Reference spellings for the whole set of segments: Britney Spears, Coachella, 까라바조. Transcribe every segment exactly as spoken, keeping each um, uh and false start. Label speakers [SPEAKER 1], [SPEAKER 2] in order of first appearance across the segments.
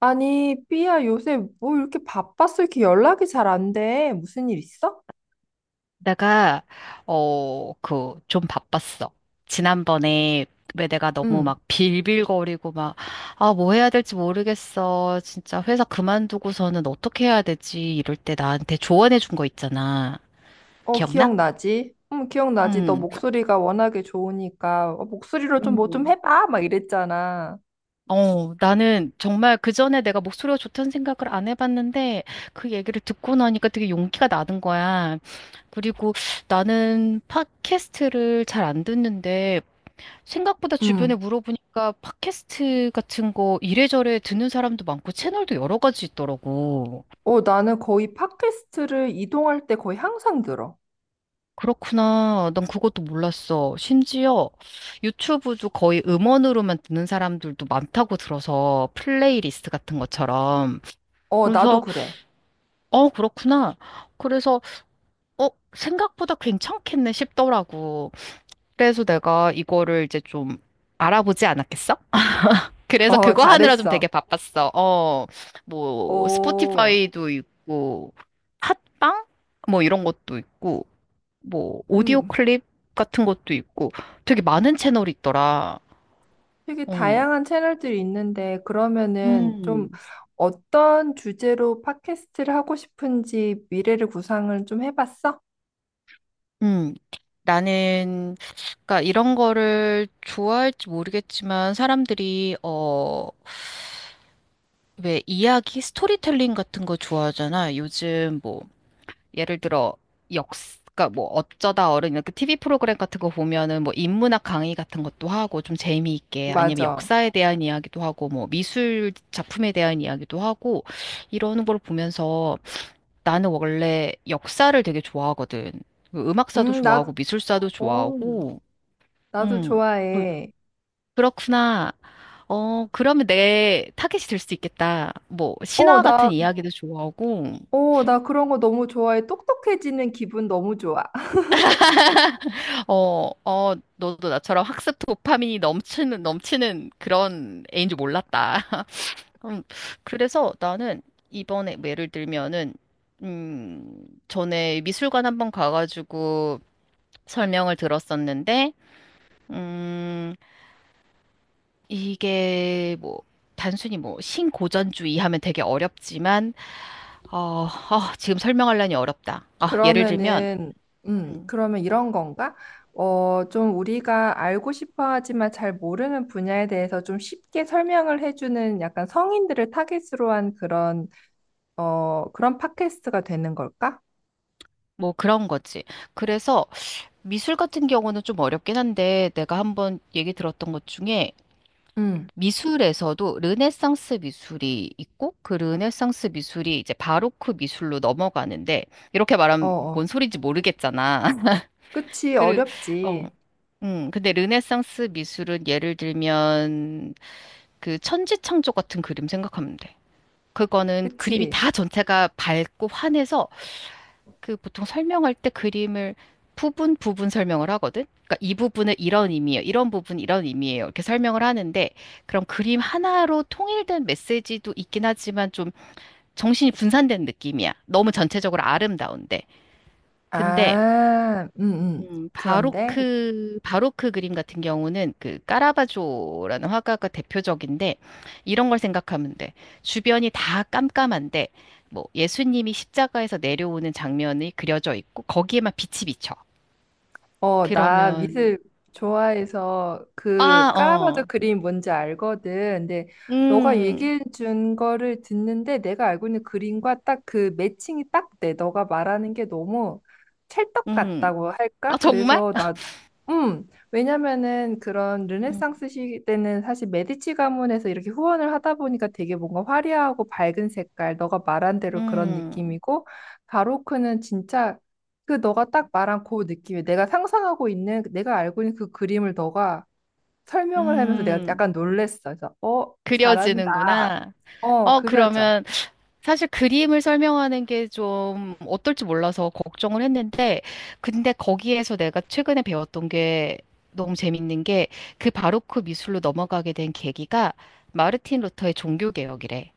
[SPEAKER 1] 아니, 삐야, 요새 뭐 이렇게 바빴어? 이렇게 연락이 잘 안 돼. 무슨 일 있어?
[SPEAKER 2] 내가, 어, 그, 좀 바빴어. 지난번에, 왜 내가 너무
[SPEAKER 1] 응.
[SPEAKER 2] 막 빌빌거리고 막, 아, 뭐 해야 될지 모르겠어. 진짜 회사 그만두고서는 어떻게 해야 되지? 이럴 때 나한테 조언해 준 거 있잖아.
[SPEAKER 1] 어,
[SPEAKER 2] 기억나?
[SPEAKER 1] 기억나지? 응, 기억나지. 너
[SPEAKER 2] 응.
[SPEAKER 1] 목소리가 워낙에 좋으니까 어, 목소리로 좀 뭐 좀
[SPEAKER 2] 음.
[SPEAKER 1] 해봐. 막 이랬잖아.
[SPEAKER 2] 어, 나는 정말 그 전에 내가 목소리가 좋다는 생각을 안 해봤는데 그 얘기를 듣고 나니까 되게 용기가 나는 거야. 그리고 나는 팟캐스트를 잘 안 듣는데 생각보다 주변에
[SPEAKER 1] 응.
[SPEAKER 2] 물어보니까 팟캐스트 같은 거 이래저래 듣는 사람도 많고 채널도 여러 가지 있더라고.
[SPEAKER 1] 어, 나는 거의 팟캐스트를 이동할 때 거의 항상 들어.
[SPEAKER 2] 그렇구나. 난 그것도 몰랐어. 심지어 유튜브도 거의 음원으로만 듣는 사람들도 많다고 들어서 플레이리스트 같은 것처럼.
[SPEAKER 1] 어, 나도
[SPEAKER 2] 그래서,
[SPEAKER 1] 그래.
[SPEAKER 2] 어, 그렇구나. 그래서, 어, 생각보다 괜찮겠네 싶더라고. 그래서 내가 이거를 이제 좀 알아보지 않았겠어? 그래서
[SPEAKER 1] 어,
[SPEAKER 2] 그거 하느라 좀
[SPEAKER 1] 잘했어.
[SPEAKER 2] 되게 바빴어. 어, 뭐,
[SPEAKER 1] 어,
[SPEAKER 2] 스포티파이도 있고, 팟빵? 뭐 이런 것도 있고, 뭐, 오디오
[SPEAKER 1] 음.
[SPEAKER 2] 클립 같은 것도 있고, 되게 많은 채널이 있더라.
[SPEAKER 1] 되게
[SPEAKER 2] 응.
[SPEAKER 1] 다양한 채널들이 있는데 그러면은 좀
[SPEAKER 2] 음.
[SPEAKER 1] 어떤 주제로 팟캐스트를 하고 싶은지 미래를 구상을 좀 해봤어?
[SPEAKER 2] 음. 나는, 그러니까 이런 거를 좋아할지 모르겠지만, 사람들이, 어, 왜 이야기, 스토리텔링 같은 거 좋아하잖아. 요즘 뭐, 예를 들어 역, 그러니까 뭐 어쩌다 어른 이렇게 티브이 프로그램 같은 거 보면은 뭐 인문학 강의 같은 것도 하고 좀 재미있게 아니면
[SPEAKER 1] 맞아.
[SPEAKER 2] 역사에 대한 이야기도 하고 뭐 미술 작품에 대한 이야기도 하고 이러는 걸 보면서 나는 원래 역사를 되게 좋아하거든. 그 음악사도
[SPEAKER 1] 음,
[SPEAKER 2] 좋아하고
[SPEAKER 1] 나,
[SPEAKER 2] 미술사도
[SPEAKER 1] 어,
[SPEAKER 2] 좋아하고
[SPEAKER 1] 나도
[SPEAKER 2] 음 그-
[SPEAKER 1] 좋아해.
[SPEAKER 2] 그렇구나. 어, 그러면 내 타겟이 될 수 있겠다. 뭐,
[SPEAKER 1] 어,
[SPEAKER 2] 신화
[SPEAKER 1] 나,
[SPEAKER 2] 같은 이야기도 좋아하고,
[SPEAKER 1] 어, 나 그런 거 너무 좋아해. 똑똑해지는 기분 너무 좋아.
[SPEAKER 2] 어, 어, 너도 나처럼 학습 도파민이 넘치는, 넘치는 그런 애인 줄 몰랐다. 음, 그래서 나는 이번에 뭐 예를 들면은, 음, 전에 미술관 한번 가가지고 설명을 들었었는데, 음, 이게 뭐, 단순히 뭐, 신고전주의 하면 되게 어렵지만, 어, 아, 지금 설명하려니 어렵다. 아, 예를 들면,
[SPEAKER 1] 그러면은, 음, 그러면 이런 건가? 어, 좀 우리가 알고 싶어 하지만 잘 모르는 분야에 대해서 좀 쉽게 설명을 해주는 약간 성인들을 타깃으로 한 그런 어, 그런 팟캐스트가 되는 걸까?
[SPEAKER 2] 뭐 그런 거지. 그래서 미술 같은 경우는 좀 어렵긴 한데 내가 한번 얘기 들었던 것 중에
[SPEAKER 1] 응,
[SPEAKER 2] 미술에서도 르네상스 미술이 있고 그 르네상스 미술이 이제 바로크 미술로 넘어가는데 이렇게
[SPEAKER 1] 어,
[SPEAKER 2] 말하면
[SPEAKER 1] 어.
[SPEAKER 2] 뭔 소리인지 모르겠잖아.
[SPEAKER 1] 그치,
[SPEAKER 2] 그, 어,
[SPEAKER 1] 어렵지.
[SPEAKER 2] 음, 근데 르네상스 미술은 예를 들면 그 천지창조 같은 그림 생각하면 돼. 그거는 그림이
[SPEAKER 1] 그치.
[SPEAKER 2] 다 전체가 밝고 환해서 그 보통 설명할 때 그림을 부분 부분 설명을 하거든. 그러니까 이 부분은 이런 의미예요. 이런 부분 이런 의미예요. 이렇게 설명을 하는데 그럼 그림 하나로 통일된 메시지도 있긴 하지만 좀 정신이 분산된 느낌이야. 너무 전체적으로 아름다운데. 근데
[SPEAKER 1] 아, 음, 음.
[SPEAKER 2] 음,
[SPEAKER 1] 그런데,
[SPEAKER 2] 바로크, 바로크 그림 같은 경우는 그 까라바조라는 화가가 대표적인데 이런 걸 생각하면 돼. 주변이 다 깜깜한데 뭐 예수님이 십자가에서 내려오는 장면이 그려져 있고 거기에만 빛이 비쳐.
[SPEAKER 1] 어, 나
[SPEAKER 2] 그러면
[SPEAKER 1] 미술 좋아해서 그
[SPEAKER 2] 아,
[SPEAKER 1] 까라바도
[SPEAKER 2] 어.
[SPEAKER 1] 그림 뭔지 알거든. 근데 너가
[SPEAKER 2] 음.
[SPEAKER 1] 얘기해 준 거를 듣는데 내가 알고 있는 그림과 딱 그 매칭이 딱 돼. 너가 말하는 게 너무 찰떡
[SPEAKER 2] 음.
[SPEAKER 1] 같다고 할까?
[SPEAKER 2] 아, 정말?
[SPEAKER 1] 그래서 나 음, 왜냐면은 그런
[SPEAKER 2] 음.
[SPEAKER 1] 르네상스 시대는 사실 메디치 가문에서 이렇게 후원을 하다 보니까 되게 뭔가 화려하고 밝은 색깔, 너가 말한 대로 그런
[SPEAKER 2] 음.
[SPEAKER 1] 느낌이고, 바로크는 진짜 그 너가 딱 말한 그 느낌이 내가 상상하고 있는 그 내가 알고 있는 그 그림을 너가 설명을 하면서 내가
[SPEAKER 2] 음.
[SPEAKER 1] 약간 놀랬어. 그래서 어 잘한다.
[SPEAKER 2] 그려지는구나.
[SPEAKER 1] 어
[SPEAKER 2] 어,
[SPEAKER 1] 그려져.
[SPEAKER 2] 그러면 사실 그림을 설명하는 게 좀 어떨지 몰라서 걱정을 했는데, 근데 거기에서 내가 최근에 배웠던 게 너무 재밌는 게 그 바로크 미술로 넘어가게 된 계기가 마르틴 루터의 종교개혁이래.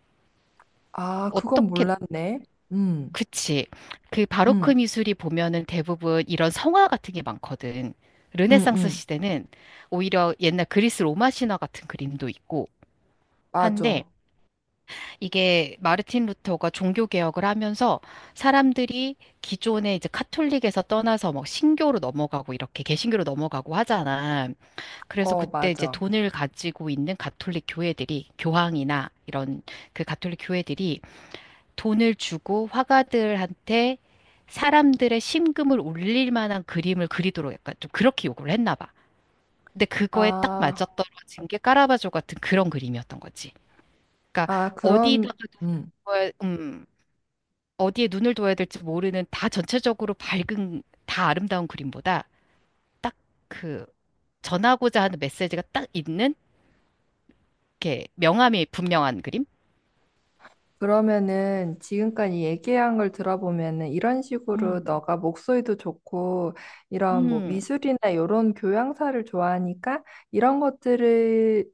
[SPEAKER 1] 아 그건
[SPEAKER 2] 어떻게,
[SPEAKER 1] 몰랐네. 음,
[SPEAKER 2] 그치. 그 바로크
[SPEAKER 1] 음,
[SPEAKER 2] 미술이 보면은 대부분 이런 성화 같은 게 많거든.
[SPEAKER 1] 음,
[SPEAKER 2] 르네상스
[SPEAKER 1] 음.
[SPEAKER 2] 시대는 오히려 옛날 그리스 로마 신화 같은 그림도 있고 한데,
[SPEAKER 1] 맞아.
[SPEAKER 2] 이게 마르틴 루터가 종교 개혁을 하면서 사람들이 기존에 이제 카톨릭에서 떠나서 막 신교로 넘어가고 이렇게 개신교로 넘어가고 하잖아. 그래서
[SPEAKER 1] 어
[SPEAKER 2] 그때 이제
[SPEAKER 1] 맞아.
[SPEAKER 2] 돈을 가지고 있는 가톨릭 교회들이 교황이나 이런 그 가톨릭 교회들이 돈을 주고 화가들한테 사람들의 심금을 울릴 만한 그림을 그리도록 약간 좀 그렇게 요구를 했나 봐. 근데 그거에 딱
[SPEAKER 1] 아,
[SPEAKER 2] 맞아떨어진 게 까라바조 같은 그런 그림이었던 거지. 그러니까
[SPEAKER 1] 아 그럼
[SPEAKER 2] 어디다가
[SPEAKER 1] 음.
[SPEAKER 2] 돈을 음, 어디에 눈을 둬야 될지 모르는 다 전체적으로 밝은 다 아름다운 그림보다 딱 그 전하고자 하는 메시지가 딱 있는 이렇게 명암이 분명한 그림?
[SPEAKER 1] 그러면은 지금까지 얘기한 걸 들어보면은 이런 식으로
[SPEAKER 2] 음.
[SPEAKER 1] 너가 목소리도 좋고 이런 뭐
[SPEAKER 2] 음.
[SPEAKER 1] 미술이나 이런 교양사를 좋아하니까 이런 것들을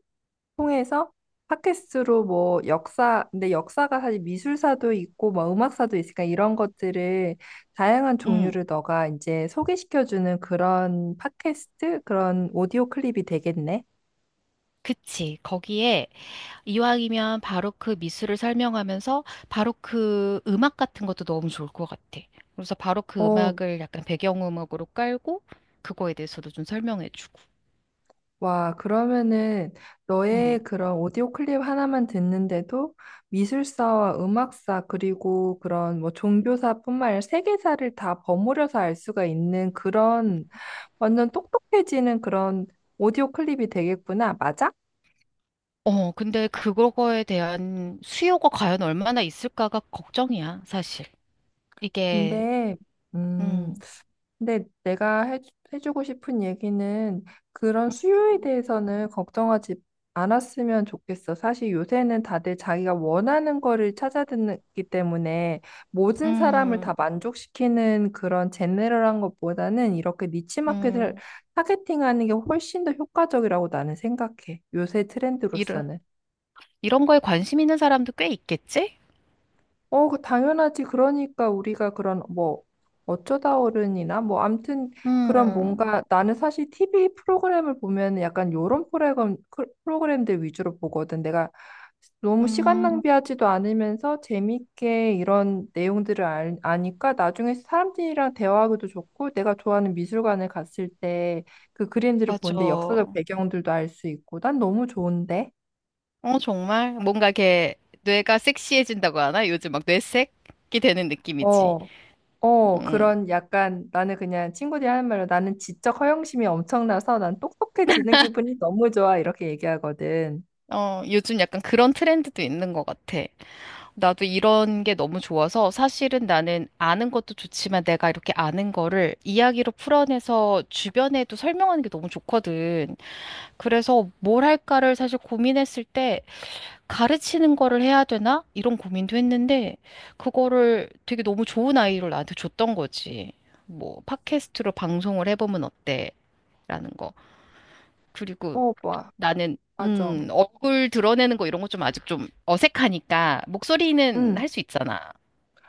[SPEAKER 1] 통해서 팟캐스트로 뭐 역사, 근데 역사가 사실 미술사도 있고 뭐 음악사도 있으니까 이런 것들을 다양한
[SPEAKER 2] 음.
[SPEAKER 1] 종류를 너가 이제 소개시켜주는 그런 팟캐스트, 그런 오디오 클립이 되겠네.
[SPEAKER 2] 그치. 거기에 이왕이면 바로크 미술을 설명하면서 바로크 음악 같은 것도 너무 좋을 것 같아. 그래서 바로크
[SPEAKER 1] 어,
[SPEAKER 2] 음악을 약간 배경음악으로 깔고 그거에 대해서도 좀 설명해주고.
[SPEAKER 1] 와, 그러면은
[SPEAKER 2] 음.
[SPEAKER 1] 너의 그런 오디오 클립 하나만 듣는데도 미술사와 음악사 그리고 그런 뭐 종교사뿐만 아니라 세계사를 다 버무려서 알 수가 있는 그런 완전 똑똑해지는 그런 오디오 클립이 되겠구나. 맞아?
[SPEAKER 2] 어, 근데 그거에 대한 수요가 과연 얼마나 있을까가 걱정이야, 사실. 이게,
[SPEAKER 1] 근데 음.
[SPEAKER 2] 음,
[SPEAKER 1] 근데 내가 해, 해주고 싶은 얘기는 그런 수요에 대해서는 걱정하지 않았으면 좋겠어. 사실 요새는 다들 자기가 원하는 거를 찾아듣기 때문에 모든 사람을
[SPEAKER 2] 음,
[SPEAKER 1] 다 만족시키는 그런 제네럴한 것보다는 이렇게 니치 마켓을
[SPEAKER 2] 음,
[SPEAKER 1] 타겟팅하는 게 훨씬 더 효과적이라고 나는 생각해. 요새
[SPEAKER 2] 이런,
[SPEAKER 1] 트렌드로서는.
[SPEAKER 2] 이런 거에 관심 있는 사람도 꽤 있겠지?
[SPEAKER 1] 어, 그 당연하지. 그러니까 우리가 그런 뭐 어쩌다 어른이나 뭐 암튼 그런
[SPEAKER 2] 음,
[SPEAKER 1] 뭔가 나는 사실 티비 프로그램을 보면 약간 요런 프로그램, 크- 프로그램들 위주로 보거든. 내가 너무 시간
[SPEAKER 2] 음,
[SPEAKER 1] 낭비하지도 않으면서 재밌게 이런 내용들을 알- 아니까 나중에 사람들이랑 대화하기도 좋고 내가 좋아하는 미술관에 갔을 때 그 그림들을
[SPEAKER 2] 맞아.
[SPEAKER 1] 보는데 역사적
[SPEAKER 2] 어,
[SPEAKER 1] 배경들도 알 수 있고 난 너무 좋은데.
[SPEAKER 2] 정말? 뭔가 이렇게 뇌가 섹시해진다고 하나? 요즘 막 뇌색이 되는 느낌이지.
[SPEAKER 1] 어. 어,
[SPEAKER 2] 음,
[SPEAKER 1] 그런 약간 나는 그냥 친구들이 하는 말로 나는 지적 허영심이 엄청나서 난 똑똑해지는 기분이 너무 좋아. 이렇게 얘기하거든.
[SPEAKER 2] 어, 요즘 약간 그런 트렌드도 있는 것 같아. 나도 이런 게 너무 좋아서 사실은 나는 아는 것도 좋지만 내가 이렇게 아는 거를 이야기로 풀어내서 주변에도 설명하는 게 너무 좋거든. 그래서 뭘 할까를 사실 고민했을 때 가르치는 거를 해야 되나? 이런 고민도 했는데 그거를 되게 너무 좋은 아이디어를 나한테 줬던 거지. 뭐 팟캐스트로 방송을 해보면 어때? 라는 거. 그리고
[SPEAKER 1] 어, 뭐,
[SPEAKER 2] 나는
[SPEAKER 1] 맞아.
[SPEAKER 2] 음, 얼굴 드러내는 거 이런 거 좀 아직 좀 어색하니까 목소리는
[SPEAKER 1] 응.
[SPEAKER 2] 할 수 있잖아.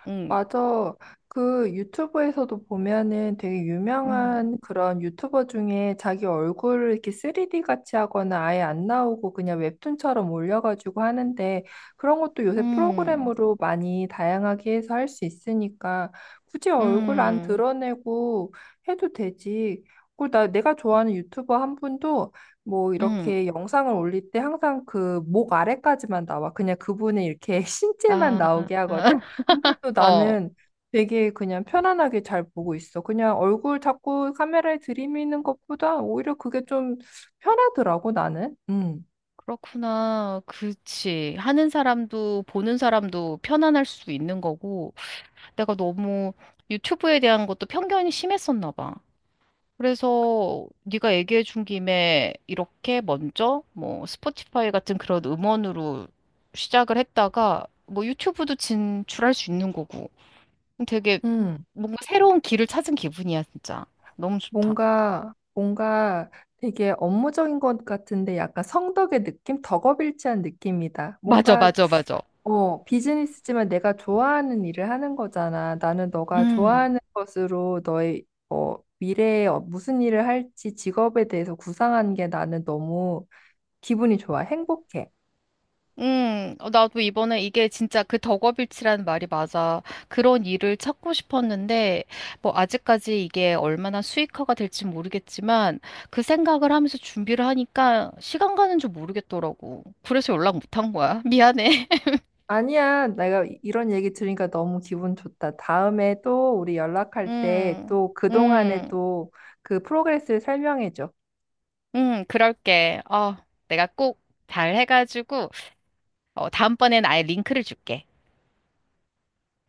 [SPEAKER 2] 음,
[SPEAKER 1] 맞아. 그 유튜브에서도 보면은 되게
[SPEAKER 2] 음,
[SPEAKER 1] 유명한 그런 유튜버 중에 자기 얼굴을 이렇게 쓰리디 같이 하거나 아예 안 나오고 그냥 웹툰처럼 올려가지고 하는데 그런 것도 요새
[SPEAKER 2] 음,
[SPEAKER 1] 프로그램으로 많이 다양하게 해서 할 수 있으니까 굳이 얼굴 안
[SPEAKER 2] 음,
[SPEAKER 1] 드러내고 해도 되지. 그리고 나 내가 좋아하는 유튜버 한 분도 뭐
[SPEAKER 2] 음.
[SPEAKER 1] 이렇게 영상을 올릴 때 항상 그 목 아래까지만 나와. 그냥 그분의 이렇게 신체만
[SPEAKER 2] 아,
[SPEAKER 1] 나오게 하거든. 근데도
[SPEAKER 2] 어,
[SPEAKER 1] 나는 되게 그냥 편안하게 잘 보고 있어. 그냥 얼굴 자꾸 카메라에 들이미는 것보다 오히려 그게 좀 편하더라고, 나는. 음.
[SPEAKER 2] 그렇구나. 그치. 하는 사람도 보는 사람도 편안할 수 있는 거고, 내가 너무 유튜브에 대한 것도 편견이 심했었나 봐. 그래서 네가 얘기해 준 김에 이렇게 먼저 뭐 스포티파이 같은 그런 음원으로 시작을 했다가 뭐 유튜브도 진출할 수 있는 거고 되게
[SPEAKER 1] 음.
[SPEAKER 2] 뭔가 새로운 길을 찾은 기분이야, 진짜. 너무 좋다.
[SPEAKER 1] 뭔가, 뭔가 되게 업무적인 것 같은데 약간 성덕의 느낌? 덕업일치한 느낌이다.
[SPEAKER 2] 맞아,
[SPEAKER 1] 뭔가,
[SPEAKER 2] 맞아, 맞아.
[SPEAKER 1] 어, 비즈니스지만 내가 좋아하는 일을 하는 거잖아. 나는 너가
[SPEAKER 2] 음,
[SPEAKER 1] 좋아하는 것으로 너의, 어, 미래에 어- 무슨 일을 할지 직업에 대해서 구상한 게 나는 너무 기분이 좋아. 행복해.
[SPEAKER 2] 음, 어, 나도 이번에 이게 진짜 그 덕업일치라는 말이 맞아. 그런 일을 찾고 싶었는데, 뭐, 아직까지 이게 얼마나 수익화가 될지 모르겠지만, 그 생각을 하면서 준비를 하니까 시간 가는 줄 모르겠더라고. 그래서 연락 못 한 거야. 미안해.
[SPEAKER 1] 아니야. 내가 이- 이런 얘기 들으니까 너무 기분 좋다. 다음에 또 우리 연락할 때
[SPEAKER 2] 음,
[SPEAKER 1] 또 그동안에
[SPEAKER 2] 음,
[SPEAKER 1] 또 그 프로그레스를 설명해줘.
[SPEAKER 2] 음, 그럴게. 어, 내가 꼭 잘 해가지고, 어, 다음번엔 아예 링크를 줄게.